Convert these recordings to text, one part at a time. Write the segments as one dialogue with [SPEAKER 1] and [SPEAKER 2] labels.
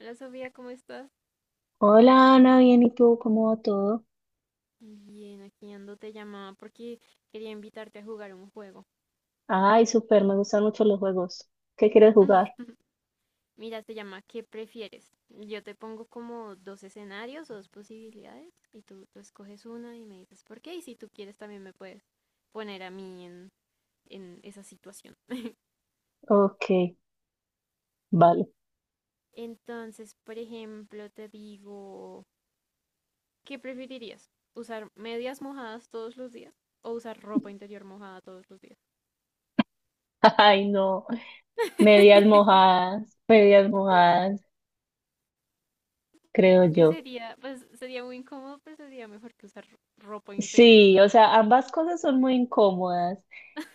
[SPEAKER 1] Hola Sofía, ¿cómo estás?
[SPEAKER 2] Hola Ana, bien, ¿y tú? ¿Cómo va todo?
[SPEAKER 1] Bien, aquí ando, te llamaba porque quería invitarte a jugar un juego.
[SPEAKER 2] Ay, súper, me gustan mucho los juegos. ¿Qué quieres jugar?
[SPEAKER 1] Mira, se llama ¿Qué prefieres? Yo te pongo como dos escenarios o dos posibilidades y tú escoges una y me dices por qué y si tú quieres también me puedes poner a mí en esa situación.
[SPEAKER 2] Ok, vale.
[SPEAKER 1] Entonces, por ejemplo, te digo, ¿qué preferirías? ¿Usar medias mojadas todos los días o usar ropa interior mojada todos los días?
[SPEAKER 2] Ay, no, medias mojadas, creo
[SPEAKER 1] Creo que
[SPEAKER 2] yo.
[SPEAKER 1] sería, pues sería muy incómodo, pues sería mejor que usar ropa interior
[SPEAKER 2] Sí, o
[SPEAKER 1] húmeda.
[SPEAKER 2] sea, ambas cosas son muy incómodas,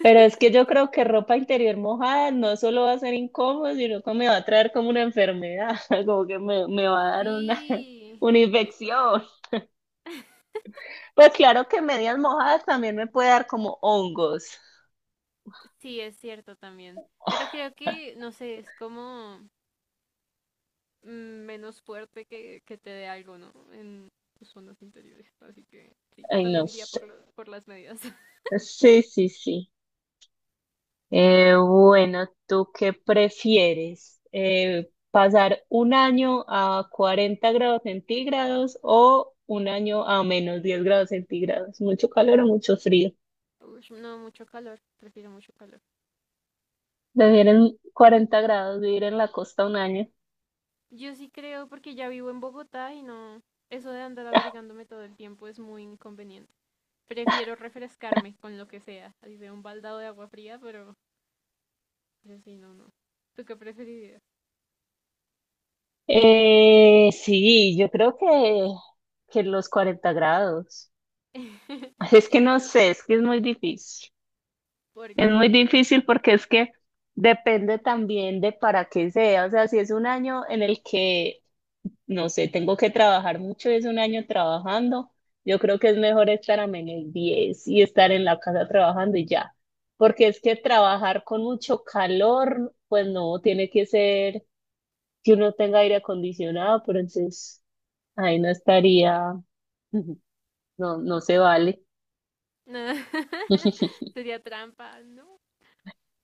[SPEAKER 2] pero es que yo creo que ropa interior mojada no solo va a ser incómodo, sino que me va a traer como una enfermedad, como que me va a dar una,
[SPEAKER 1] Sí,
[SPEAKER 2] una
[SPEAKER 1] total.
[SPEAKER 2] infección. Pues claro que medias mojadas también me puede dar como hongos.
[SPEAKER 1] Sí, es cierto también. Pero creo que, no sé, es como mm, menos fuerte que te dé algo, ¿no? En tus zonas interiores. Así que sí, yo
[SPEAKER 2] Ay, no.
[SPEAKER 1] también iría por las medidas.
[SPEAKER 2] Sí, sí, sí. Bueno, ¿tú qué prefieres? ¿Pasar un año a 40 grados centígrados o un año a -10 grados centígrados? ¿Mucho calor o mucho frío?
[SPEAKER 1] Ush, no, mucho calor. Prefiero mucho calor.
[SPEAKER 2] Vivir en 40 grados, vivir en la costa un año.
[SPEAKER 1] Yo sí creo porque ya vivo en Bogotá y no, eso de andar abrigándome todo el tiempo es muy inconveniente. Prefiero refrescarme con lo que sea, así sea un baldado de agua fría, pero yo sí, no, no. ¿Tú qué preferirías?
[SPEAKER 2] Sí, yo creo que los 40 grados. Es que no sé, es que es muy difícil. Es
[SPEAKER 1] Porque
[SPEAKER 2] muy difícil porque es que depende también de para qué sea. O sea, si es un año en el que, no sé, tengo que trabajar mucho y es un año trabajando, yo creo que es mejor estar a -10 y estar en la casa trabajando y ya. Porque es que trabajar con mucho calor, pues no, tiene que ser que uno tenga aire acondicionado, pero entonces ahí no estaría, no, no se vale.
[SPEAKER 1] sería trampa, ¿no?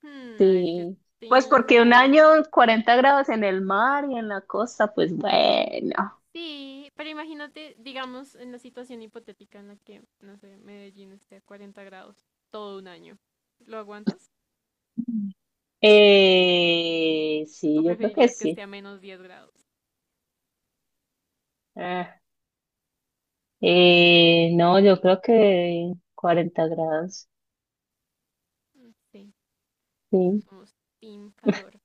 [SPEAKER 1] Hmm, a ver, yo
[SPEAKER 2] Sí, pues porque un año
[SPEAKER 1] tengo...
[SPEAKER 2] 40 grados en el mar y en la costa, pues bueno.
[SPEAKER 1] Sí, pero imagínate, digamos, en la situación hipotética en la que, no sé, Medellín esté a 40 grados todo un año. ¿Lo aguantas? ¿O
[SPEAKER 2] Sí, yo creo que
[SPEAKER 1] preferirías que esté
[SPEAKER 2] sí.
[SPEAKER 1] a -10 grados?
[SPEAKER 2] Ah, no, yo creo que 40 grados.
[SPEAKER 1] Sí, no
[SPEAKER 2] Sí,
[SPEAKER 1] somos team calor.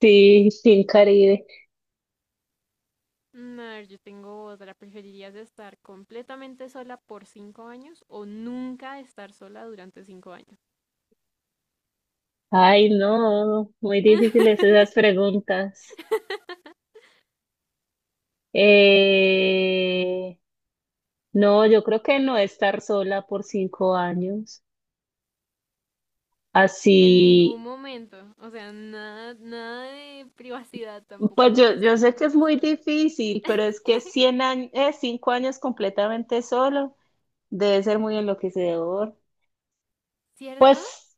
[SPEAKER 2] sí, sin Caribe.
[SPEAKER 1] Mm, a ver, yo tengo otra. ¿Preferirías estar completamente sola por 5 años o nunca estar sola durante 5 años?
[SPEAKER 2] Ay, no, muy difíciles esas preguntas. Eh, no, yo creo que no estar sola por 5 años.
[SPEAKER 1] En ningún
[SPEAKER 2] Así.
[SPEAKER 1] momento. O sea, nada de privacidad tampoco.
[SPEAKER 2] Pues
[SPEAKER 1] No vas
[SPEAKER 2] yo,
[SPEAKER 1] a
[SPEAKER 2] yo
[SPEAKER 1] estar
[SPEAKER 2] sé que es
[SPEAKER 1] nunca
[SPEAKER 2] muy
[SPEAKER 1] sola.
[SPEAKER 2] difícil, pero es que 100 años, 5 años completamente solo debe ser muy enloquecedor.
[SPEAKER 1] ¿Cierto?
[SPEAKER 2] Pues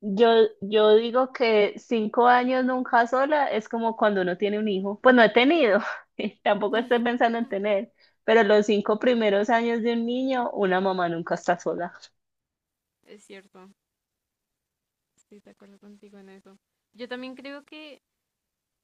[SPEAKER 2] yo, yo digo que 5 años nunca sola es como cuando uno tiene un hijo. Pues no he tenido, tampoco
[SPEAKER 1] Mm,
[SPEAKER 2] estoy pensando en tener, pero los 5 primeros años de un niño, una mamá nunca está sola.
[SPEAKER 1] es cierto. Sí, de acuerdo contigo en eso. Yo también creo que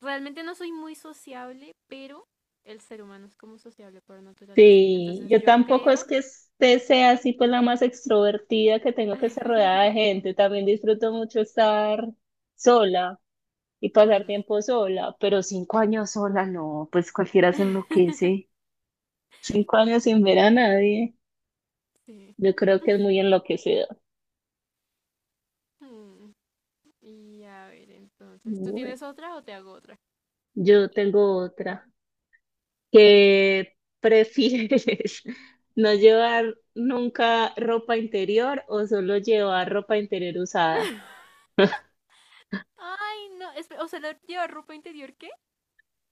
[SPEAKER 1] realmente no soy muy sociable, pero el ser humano es como sociable por naturaleza.
[SPEAKER 2] Sí,
[SPEAKER 1] Entonces
[SPEAKER 2] yo
[SPEAKER 1] yo
[SPEAKER 2] tampoco es
[SPEAKER 1] creo...
[SPEAKER 2] que sea así, pues la más extrovertida que tengo que estar rodeada de gente. También disfruto mucho estar sola. Y pasar
[SPEAKER 1] Mm,
[SPEAKER 2] tiempo sola, pero 5 años sola, no, pues cualquiera se enloquece. 5 años sin ver a nadie,
[SPEAKER 1] sí.
[SPEAKER 2] yo creo que es muy enloquecedor.
[SPEAKER 1] Ujú. Y a ver, entonces, ¿tú
[SPEAKER 2] Bueno,
[SPEAKER 1] tienes otra o te hago otra?
[SPEAKER 2] yo tengo otra. ¿Qué prefieres? ¿No llevar nunca ropa interior o solo llevar ropa interior usada?
[SPEAKER 1] Ay, no, o sea, ¿lleva ropa interior qué?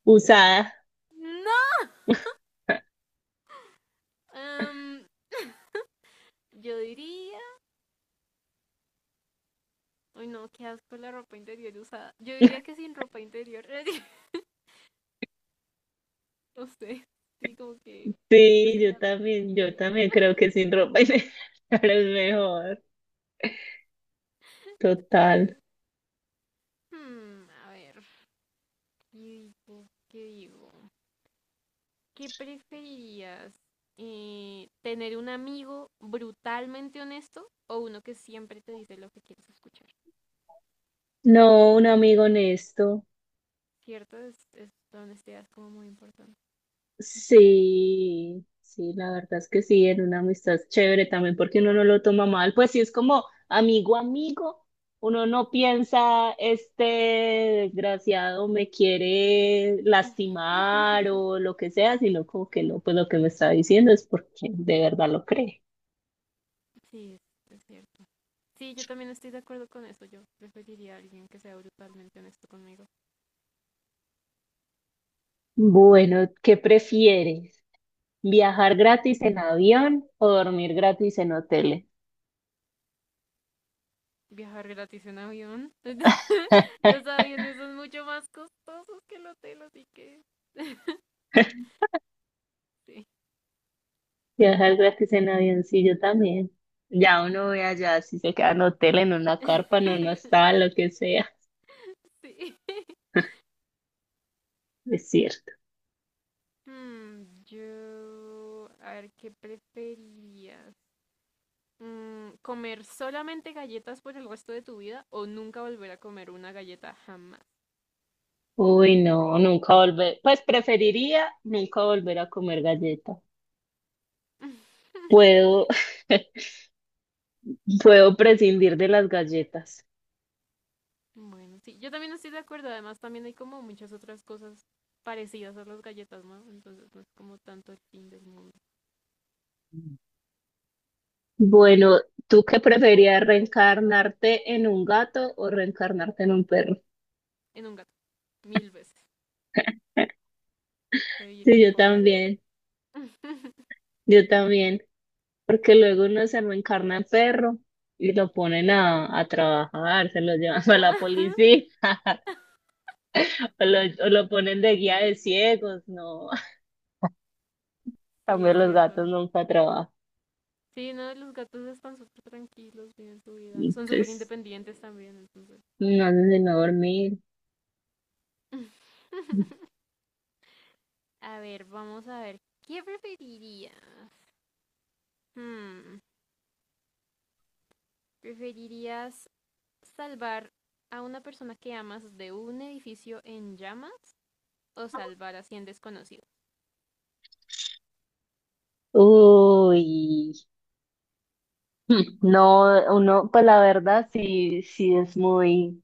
[SPEAKER 2] Usada.
[SPEAKER 1] No. Em, yo diría, uy, no, qué asco la ropa interior usada. Yo diría que sin ropa interior, no sé, sí, como que siento que
[SPEAKER 2] Sí,
[SPEAKER 1] sería
[SPEAKER 2] yo
[SPEAKER 1] higiénico.
[SPEAKER 2] también creo que sin ropa interior es mejor. Total.
[SPEAKER 1] Ay, a ver, ¿qué digo? ¿Qué digo? ¿Qué preferirías? ¿Tener un amigo brutalmente honesto o uno que siempre te dice lo que quieres escuchar?
[SPEAKER 2] No, un amigo honesto.
[SPEAKER 1] ¿Cierto? Es la honestidad es como muy importante.
[SPEAKER 2] Sí, sí, la verdad es que sí, en una amistad chévere también porque uno no lo toma mal, pues sí es como amigo amigo, uno no piensa este desgraciado me quiere lastimar o lo que sea, sino como que no, pues lo que me está diciendo es porque de verdad lo cree.
[SPEAKER 1] Sí, es cierto. Sí, yo también estoy de acuerdo con eso. Yo preferiría a alguien que sea brutalmente honesto conmigo.
[SPEAKER 2] Bueno, ¿qué prefieres? ¿Viajar gratis en avión o dormir gratis en hoteles?
[SPEAKER 1] Viajar gratis en avión. Los aviones son mucho más costosos que el hotel, así que... sí.
[SPEAKER 2] Viajar gratis en avioncillo también. Ya uno ve allá si se queda en hotel, en una carpa, en una hostal, lo que sea.
[SPEAKER 1] Sí.
[SPEAKER 2] Es cierto.
[SPEAKER 1] Yo, a ver, ¿qué preferirías? ¿Comer solamente galletas por el resto de tu vida o nunca volver a comer una galleta jamás?
[SPEAKER 2] Uy, no, nunca volver. Pues preferiría nunca volver a comer galletas. Puedo, puedo prescindir de las galletas.
[SPEAKER 1] Bueno, sí, yo también estoy de acuerdo. Además, también hay como muchas otras cosas parecidas a las galletas, ¿no? Entonces no es como tanto el fin del mundo.
[SPEAKER 2] Bueno, ¿tú qué preferías, reencarnarte en un gato o reencarnarte en un perro?
[SPEAKER 1] En un gato, mil veces. Soy
[SPEAKER 2] Sí, yo
[SPEAKER 1] equipo gatos.
[SPEAKER 2] también, yo también. Porque luego uno se reencarna en perro y lo ponen a trabajar, se lo llevan a la
[SPEAKER 1] Ah,
[SPEAKER 2] policía, o lo, o lo ponen de guía de ciegos, no. En
[SPEAKER 1] sí,
[SPEAKER 2] cambio,
[SPEAKER 1] es
[SPEAKER 2] los
[SPEAKER 1] cierto.
[SPEAKER 2] gatos nunca trabajan.
[SPEAKER 1] Sí, no, los gatos están súper tranquilos, viven su vida.
[SPEAKER 2] Y
[SPEAKER 1] Son súper
[SPEAKER 2] pues,
[SPEAKER 1] independientes también, entonces.
[SPEAKER 2] no hacen sino dormir.
[SPEAKER 1] A ver, vamos a ver. ¿Qué preferirías? Hmm, ¿Preferirías salvar a una persona que amas de un edificio en llamas o salvar a 100 desconocidos?
[SPEAKER 2] Uy, no, uno, pues la verdad sí, sí es muy,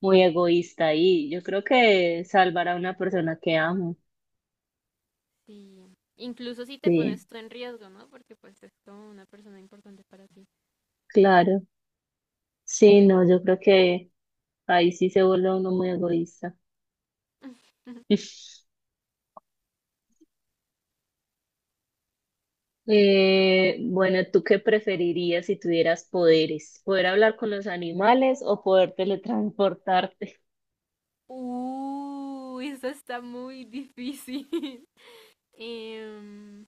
[SPEAKER 2] muy egoísta y yo creo que salvar a una persona que amo,
[SPEAKER 1] Sí. Incluso si te
[SPEAKER 2] sí,
[SPEAKER 1] pones tú en riesgo, ¿no? Porque pues es como una persona importante para ti.
[SPEAKER 2] claro, sí, no, yo creo que ahí sí se vuelve uno muy egoísta. Bueno, ¿tú qué preferirías si tuvieras poderes? ¿Poder hablar con los animales o poder teletransportarte?
[SPEAKER 1] Eso está muy difícil. Em,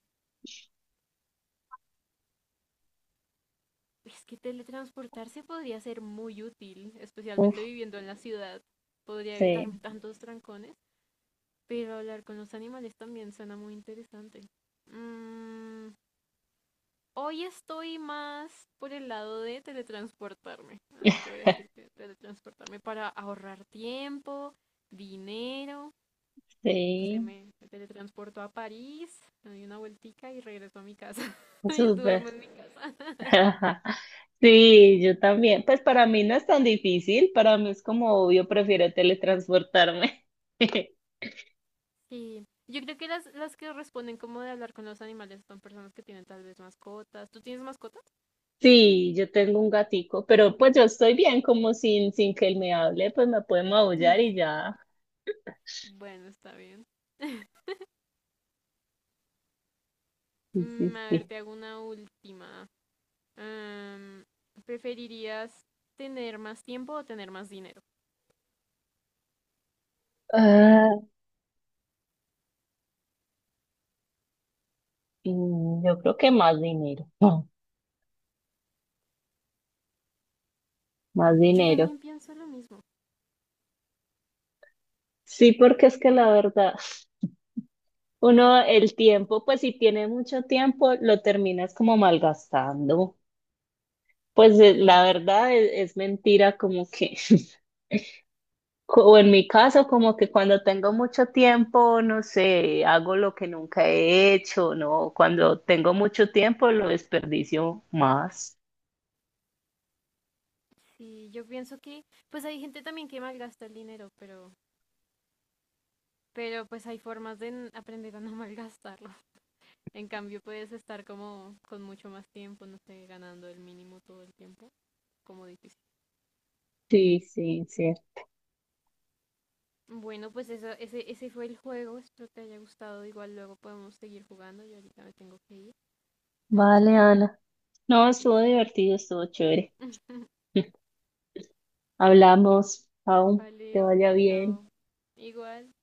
[SPEAKER 1] es que teletransportarse podría ser muy útil, especialmente
[SPEAKER 2] Uf,
[SPEAKER 1] viviendo en la ciudad. Podría evitarme
[SPEAKER 2] sí,
[SPEAKER 1] tantos trancones. Pero hablar con los animales también suena muy interesante. Mm, hoy estoy más por el lado de teletransportarme. Así que voy a decir que teletransportarme para ahorrar tiempo, dinero. No sé,
[SPEAKER 2] sí,
[SPEAKER 1] me teletransporto a París, me doy una vueltica y regreso a mi casa. Y
[SPEAKER 2] súper.
[SPEAKER 1] duermo en mi casa.
[SPEAKER 2] Sí, yo también. Pues para mí no es tan difícil, para mí es como obvio, prefiero teletransportarme.
[SPEAKER 1] Sí. Yo creo que las que responden como de hablar con los animales son personas que tienen tal vez mascotas. ¿Tú tienes mascotas?
[SPEAKER 2] Sí, yo tengo un gatico, pero pues yo estoy bien como sin que él me hable, pues me puede maullar
[SPEAKER 1] Mm,
[SPEAKER 2] y ya.
[SPEAKER 1] bueno, está bien.
[SPEAKER 2] Sí,
[SPEAKER 1] Mm,
[SPEAKER 2] sí,
[SPEAKER 1] a ver,
[SPEAKER 2] sí.
[SPEAKER 1] te hago una última. Am, ¿Preferirías tener más tiempo o tener más dinero?
[SPEAKER 2] Yo creo que más dinero, más
[SPEAKER 1] Yo
[SPEAKER 2] dinero.
[SPEAKER 1] también pienso lo mismo.
[SPEAKER 2] Sí, porque es que la verdad, uno el tiempo, pues si tiene mucho tiempo, lo terminas como malgastando. Pues
[SPEAKER 1] Sí,
[SPEAKER 2] la verdad es mentira, como que, o en mi caso, como que cuando tengo mucho tiempo, no sé, hago lo que nunca he hecho, ¿no? Cuando tengo mucho tiempo, lo desperdicio más.
[SPEAKER 1] sí, yo pienso que, pues hay gente también que malgasta el dinero, pero pues hay formas de aprender a no malgastarlo. En cambio, puedes estar como con mucho más tiempo, no sé, ganando el mínimo todo el tiempo, como difícil.
[SPEAKER 2] Sí, sí, sí.
[SPEAKER 1] Bueno, pues eso, ese fue el juego. Espero te haya gustado. Igual luego podemos seguir jugando. Yo ahorita me tengo que ir. Entonces,
[SPEAKER 2] Vale,
[SPEAKER 1] espero que
[SPEAKER 2] Ana.
[SPEAKER 1] te
[SPEAKER 2] No, estuvo
[SPEAKER 1] cuides.
[SPEAKER 2] divertido, estuvo chévere. Hablamos, aún te
[SPEAKER 1] Vale,
[SPEAKER 2] vaya bien.
[SPEAKER 1] chao. Igual.